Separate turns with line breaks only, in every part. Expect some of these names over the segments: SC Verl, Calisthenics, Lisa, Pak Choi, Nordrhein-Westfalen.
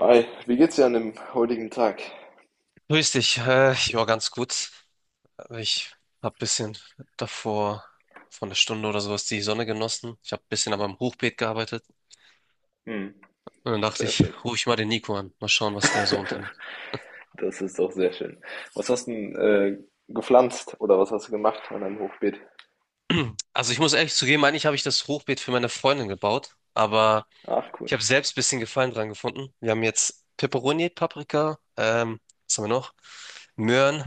Hi, wie geht's dir an dem heutigen Tag?
Grüß dich. Ja, ganz gut. Ich habe ein bisschen davor, vor einer Stunde oder sowas, die Sonne genossen. Ich habe ein bisschen an meinem Hochbeet gearbeitet.
Hm,
Und dann dachte
sehr
ich,
schön.
rufe ich mal den Nico an. Mal schauen, was der so unternimmt.
Das ist doch sehr schön. Was hast du denn gepflanzt oder was hast du gemacht an deinem Hochbeet?
Also ich muss ehrlich zugeben, eigentlich habe ich das Hochbeet für meine Freundin gebaut. Aber
Ach, cool.
ich habe selbst ein bisschen Gefallen dran gefunden. Wir haben jetzt Peperoni, Paprika, was haben wir noch? Möhren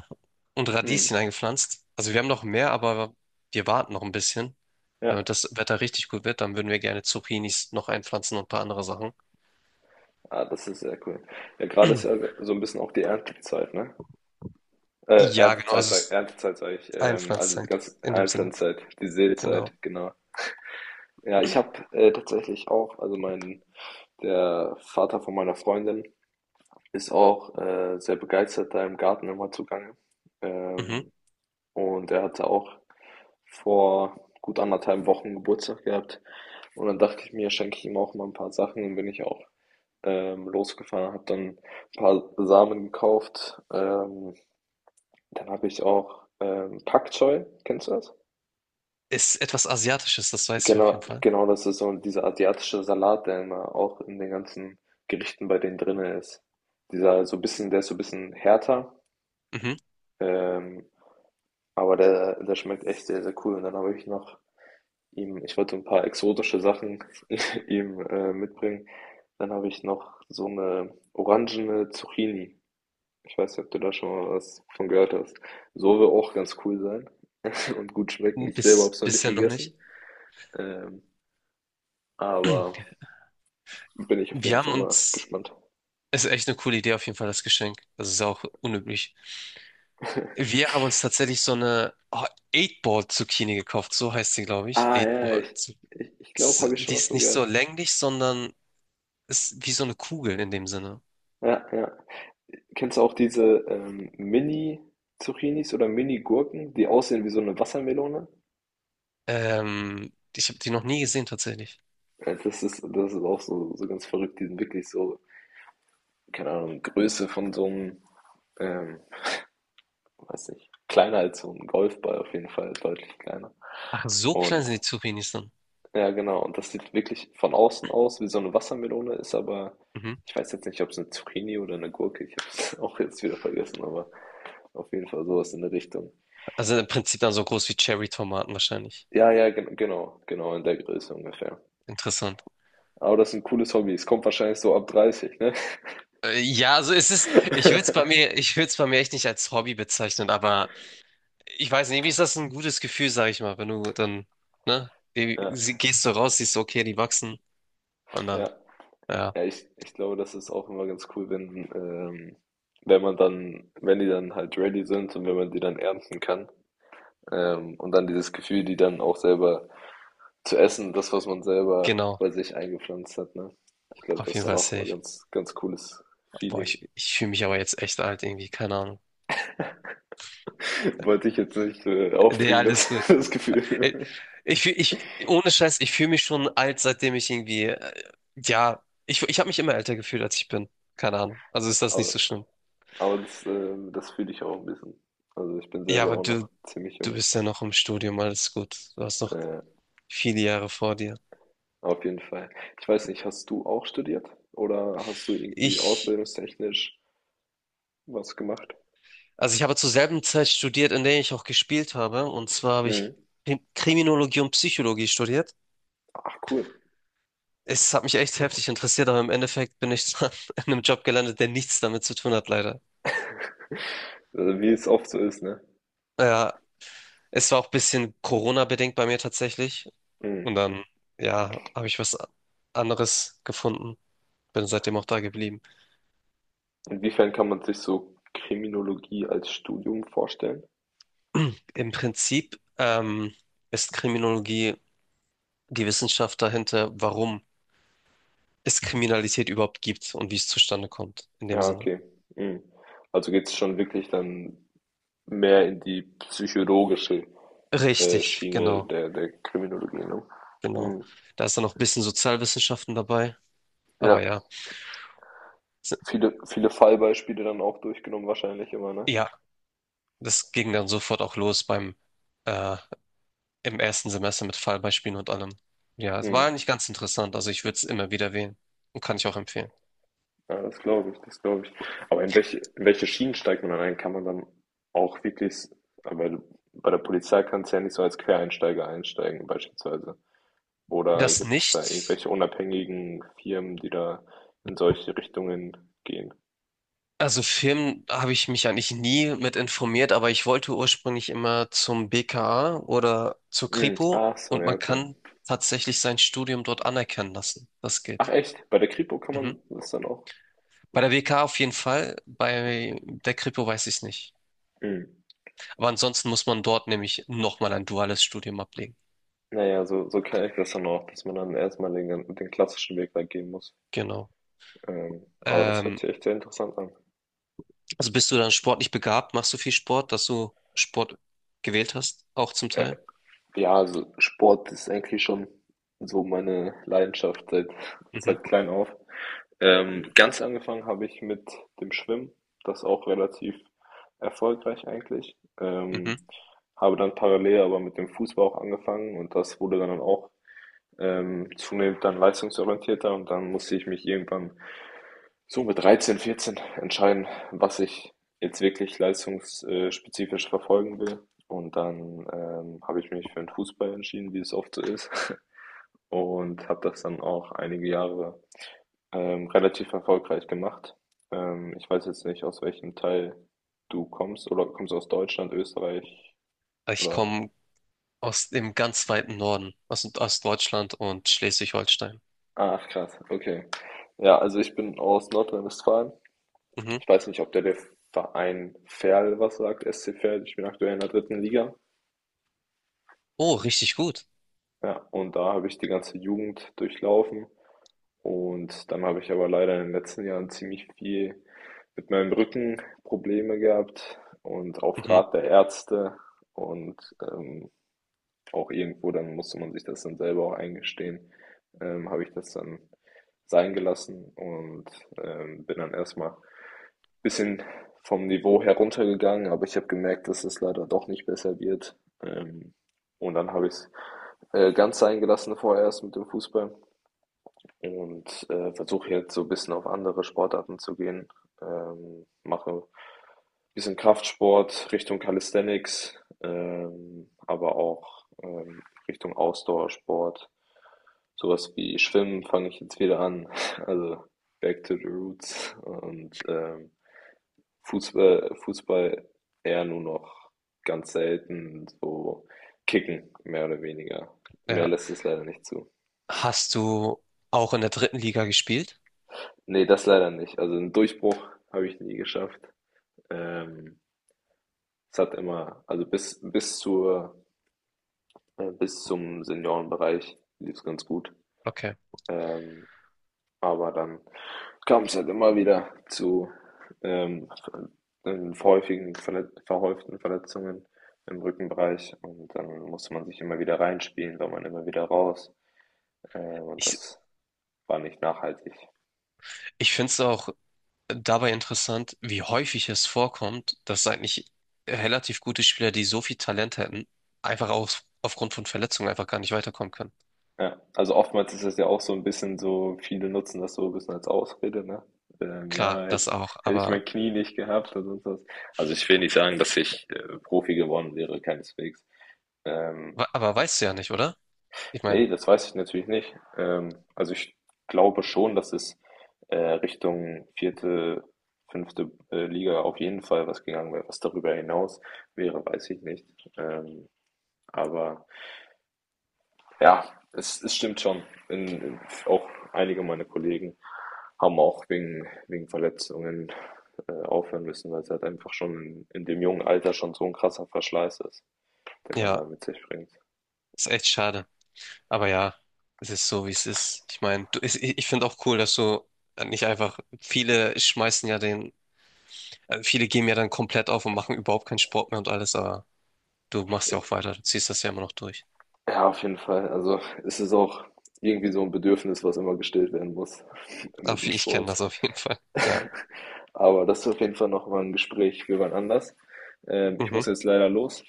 und
Hm,
Radieschen eingepflanzt. Also wir haben noch mehr, aber wir warten noch ein bisschen. Damit
ja,
das Wetter richtig gut wird, dann würden wir gerne Zucchinis noch einpflanzen und ein paar andere Sachen.
ah, das ist sehr cool. Ja, gerade ist ja so ein bisschen auch die Erntezeit, ne?
Ja, genau,
Erntezeit,
also es
sag,
ist
Erntezeit sage ich. Also die
Einpflanzzeit
ganze
in dem Sinne.
Einpflanzzeit, die Seezeit,
Genau.
genau. Ja, ich habe tatsächlich auch, also mein, der Vater von meiner Freundin ist auch sehr begeistert da im Garten immer zugange.
Mhm.
Ähm, Und er hatte auch vor gut anderthalb Wochen Geburtstag gehabt. Und dann dachte ich mir, schenke ich ihm auch mal ein paar Sachen. Und bin ich auch losgefahren, habe dann ein paar Samen gekauft. Dann habe ich auch Pak Choi, kennst du das?
Ist etwas Asiatisches, das weiß ich auf jeden
Genau,
Fall.
genau, das ist so dieser asiatische Salat, der immer auch in den ganzen Gerichten bei denen drin ist. Dieser so ein bisschen, der ist so ein bisschen härter,
Mhm.
ähm, aber der schmeckt echt sehr, sehr cool. Und dann habe ich noch Ihm ich wollte ein paar exotische Sachen ihm, mitbringen. Dann habe ich noch so eine orangene Zucchini. Ich weiß nicht, ob du da schon mal was von gehört hast. So wohl auch ganz cool sein und gut schmecken. Ich selber habe
Bis,
es noch nicht
bisher noch nicht.
gegessen, ähm, aber bin ich auf
Wir
jeden
haben
Fall mal
uns,
gespannt.
Es ist echt eine coole Idee auf jeden Fall, das Geschenk. Das ist auch unüblich. Wir haben uns tatsächlich so eine 8-Ball-Zucchini gekauft, so heißt sie, glaube ich.
Ah, ja, ja, ich
8-Ball-Zucchini.
ich ich glaube, habe ich schon
Die
mal
ist
von
nicht so
gehört.
länglich, sondern ist wie so eine Kugel in dem Sinne.
Ja, ja. Kennst du auch diese, Mini-Zucchinis oder Mini-Gurken, die aussehen wie so eine Wassermelone?
Ich habe die noch nie gesehen tatsächlich.
Ja, das ist, das ist auch so, so ganz verrückt, die sind wirklich so, keine Ahnung, Größe von so einem, ähm, weiß nicht, kleiner als so ein Golfball auf jeden Fall, deutlich kleiner.
Ach, so klein
Und
sind die Zucchinis dann.
ja, genau, und das sieht wirklich von außen aus wie so eine Wassermelone, ist aber,
Mhm.
ich weiß jetzt nicht, ob es eine Zucchini oder eine Gurke, ich habe es auch jetzt wieder vergessen, aber auf jeden Fall sowas in der Richtung.
Also im Prinzip dann so groß wie Cherry-Tomaten wahrscheinlich.
Ja, ja, genau, genau, in der Größe ungefähr.
Interessant.
Aber das ist ein cooles Hobby, es kommt wahrscheinlich so ab 30, ne?
Ja, also es ist, ich würde es bei mir echt nicht als Hobby bezeichnen, aber ich weiß nicht, wie ist das ein gutes Gefühl, sag ich mal, wenn du dann, ne,
Ja,
gehst du raus, siehst, okay, die wachsen. Und dann,
ja.
ja,
Ja, ich glaube, das ist auch immer ganz cool, wenn man dann, wenn die dann halt ready sind und wenn man die dann ernten kann. Und dann dieses Gefühl, die dann auch selber zu essen, das, was man selber
genau.
bei sich eingepflanzt hat, ne? Ich glaube,
Auf
das ist
jeden
dann
Fall
auch immer
safe.
ganz, ganz cooles
Boah,
Feeling.
ich fühle mich aber jetzt echt alt irgendwie, keine Ahnung.
Wollte ich jetzt nicht
Nee,
aufbringen, das,
alles gut.
das
Äh,
Gefühl.
ich, ohne Scheiß, ich fühle mich schon alt, seitdem ich irgendwie, ja, ich habe mich immer älter gefühlt, als ich bin. Keine Ahnung. Also ist das nicht so
Aber,
schlimm.
aber das, das fühle ich auch ein bisschen. Also ich bin
Ja,
selber
aber
auch
du,
noch ziemlich
du
jung.
bist ja noch im Studium, alles gut. Du hast noch
Äh,
viele Jahre vor dir.
Auf jeden Fall. Ich weiß nicht, hast du auch studiert oder hast du irgendwie
Ich,
ausbildungstechnisch was gemacht?
also ich habe zur selben Zeit studiert, in der ich auch gespielt habe. Und zwar habe ich
Mhm.
Kriminologie und Psychologie studiert.
Ach cool.
Es hat mich echt heftig interessiert, aber im Endeffekt bin ich dann in einem Job gelandet, der nichts damit zu tun hat, leider.
Also wie es oft so ist, ne?
Ja, es war auch ein bisschen Corona-bedingt bei mir tatsächlich.
Mhm.
Und dann, ja, habe ich was anderes gefunden. Bin seitdem auch da geblieben.
Inwiefern kann man sich so Kriminologie als Studium vorstellen?
Im Prinzip ist Kriminologie die Wissenschaft dahinter, warum es Kriminalität überhaupt gibt und wie es zustande kommt, in dem
Ja,
Sinne.
okay. Mhm. Also geht es schon wirklich dann mehr in die psychologische
Richtig,
Schiene
genau,
der Kriminologie, ne?
genau.
Mhm.
Da ist dann noch ein bisschen Sozialwissenschaften dabei. Aber
Ja,
ja, s-
viele, viele Fallbeispiele dann auch durchgenommen wahrscheinlich immer, ne?
ja, das ging dann sofort auch los beim äh, im ersten Semester mit Fallbeispielen und allem. Ja, es war
Mhm.
eigentlich ganz interessant. Also ich würde es immer wieder wählen und kann ich auch empfehlen.
Ja, das glaube ich, das glaube ich. Aber in welche Schienen steigt man dann ein? Kann man dann auch wirklich, weil bei der Polizei kannst du ja nicht so als Quereinsteiger einsteigen, beispielsweise. Oder
Das
gibt es da
nicht,
irgendwelche unabhängigen Firmen, die da in solche Richtungen gehen?
also Film habe ich mich eigentlich nie mit informiert, aber ich wollte ursprünglich immer zum BKA oder zur
Hm,
Kripo
ach so,
und
ja,
man
okay.
kann tatsächlich sein Studium dort anerkennen lassen. Das
Ach
geht.
echt, bei der Kripo kann
Mhm.
man das dann auch?
Bei der BKA auf jeden Fall, bei der Kripo weiß ich es nicht.
Hm.
Aber ansonsten muss man dort nämlich nochmal ein duales Studium ablegen.
Naja, so kenne ich das dann auch, dass man dann erstmal den klassischen Weg da gehen muss.
Genau.
Aber das hört
Ähm,
sich echt sehr interessant an.
also bist du dann sportlich begabt? Machst du viel Sport, dass du Sport gewählt hast, auch zum Teil?
Ja, also Sport ist eigentlich schon so meine Leidenschaft seit,
Mhm,
seit klein auf. Ganz angefangen habe ich mit dem Schwimmen, das auch relativ erfolgreich eigentlich.
mhm.
Habe dann parallel aber mit dem Fußball auch angefangen und das wurde dann auch zunehmend dann leistungsorientierter und dann musste ich mich irgendwann so mit 13/14 entscheiden, was ich jetzt wirklich leistungsspezifisch verfolgen will. Und dann habe ich mich für den Fußball entschieden, wie es oft so ist. Und habe das dann auch einige Jahre relativ erfolgreich gemacht. Ich weiß jetzt nicht, aus welchem Teil du kommst. Oder kommst du aus Deutschland, Österreich
Ich
oder...
komme aus dem ganz weiten Norden, aus, aus Deutschland und Schleswig-Holstein.
Ach, krass, okay. Ja, also ich bin aus Nordrhein-Westfalen.
Mhm.
Ich weiß nicht, ob der Verein Verl was sagt, SC Verl. Ich bin aktuell in der dritten Liga.
Oh, richtig gut.
Ja, und da habe ich die ganze Jugend durchlaufen und dann habe ich aber leider in den letzten Jahren ziemlich viel mit meinem Rücken Probleme gehabt und auf
Mhm.
Rat der Ärzte und ähm, auch irgendwo, dann musste man sich das dann selber auch eingestehen, habe ich das dann sein gelassen und bin dann erstmal bisschen vom Niveau heruntergegangen, aber ich habe gemerkt, dass es leider doch nicht besser wird. Ähm, und dann habe ich es ganz sein gelassen vorerst mit dem Fußball und versuche jetzt so ein bisschen auf andere Sportarten zu gehen. Mache ein bisschen Kraftsport Richtung Calisthenics, aber auch Richtung Ausdauersport. Sowas wie Schwimmen fange ich jetzt wieder an, also back to the roots und Fußball eher nur noch ganz selten so kicken, mehr oder weniger. Mehr
Ja.
lässt es leider nicht zu.
Hast du auch in der dritten Liga gespielt?
Ne, das leider nicht. Also einen Durchbruch habe ich nie geschafft. Ähm, Es hat immer also bis zum Seniorenbereich lief es ganz gut.
Okay.
Ähm, Aber dann kam es halt immer wieder zu, ähm, häufigen verlet verhäuften Verletzungen im Rückenbereich und dann musste man sich immer wieder reinspielen, war man immer wieder raus, und
Ich,
das war nicht nachhaltig.
ich finde es auch dabei interessant, wie häufig es vorkommt, dass eigentlich relativ gute Spieler, die so viel Talent hätten, einfach auf, aufgrund von Verletzungen einfach gar nicht weiterkommen können.
Ja, also oftmals ist es ja auch so ein bisschen so viele nutzen das so ein bisschen als Ausrede, ne?
Klar,
Ja, hätte
das
ich
auch,
hätte ich mein Knie nicht gehabt oder sonst was. Also, ich will nicht sagen, dass ich, Profi geworden wäre, keineswegs. Ähm,
aber weißt du ja nicht, oder? Ich
Ne,
meine,
das weiß ich natürlich nicht. Also ich glaube schon, dass es Richtung vierte, fünfte Liga auf jeden Fall was gegangen wäre. Was darüber hinaus wäre, weiß ich nicht. Ähm, aber ja, es stimmt schon. In, in, Auch einige meiner Kollegen haben auch wegen Verletzungen aufhören müssen, weil es halt einfach schon in dem jungen Alter schon so ein krasser Verschleiß ist, den man da
ja,
mit sich bringt.
ist echt schade. Aber ja, es ist so, wie es ist. Ich meine, ich finde auch cool, dass du nicht einfach, viele schmeißen ja den, viele geben ja dann komplett auf und machen überhaupt keinen Sport mehr und alles, aber du machst ja auch weiter, du ziehst das ja immer noch durch.
Ja, auf jeden Fall. Also es ist auch irgendwie so ein Bedürfnis, was immer gestillt werden muss mit
Aber
dem
ich kenne das
Sport.
auf jeden Fall. Ja,
Aber das ist auf jeden Fall noch mal ein Gespräch für wann anders. Ich
mhm,
muss jetzt leider los.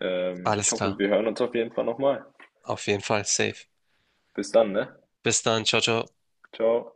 Ich
alles
hoffe,
klar.
wir hören uns auf jeden Fall nochmal.
Auf jeden Fall, safe.
Bis dann, ne?
Bis dann, ciao, ciao.
Ciao.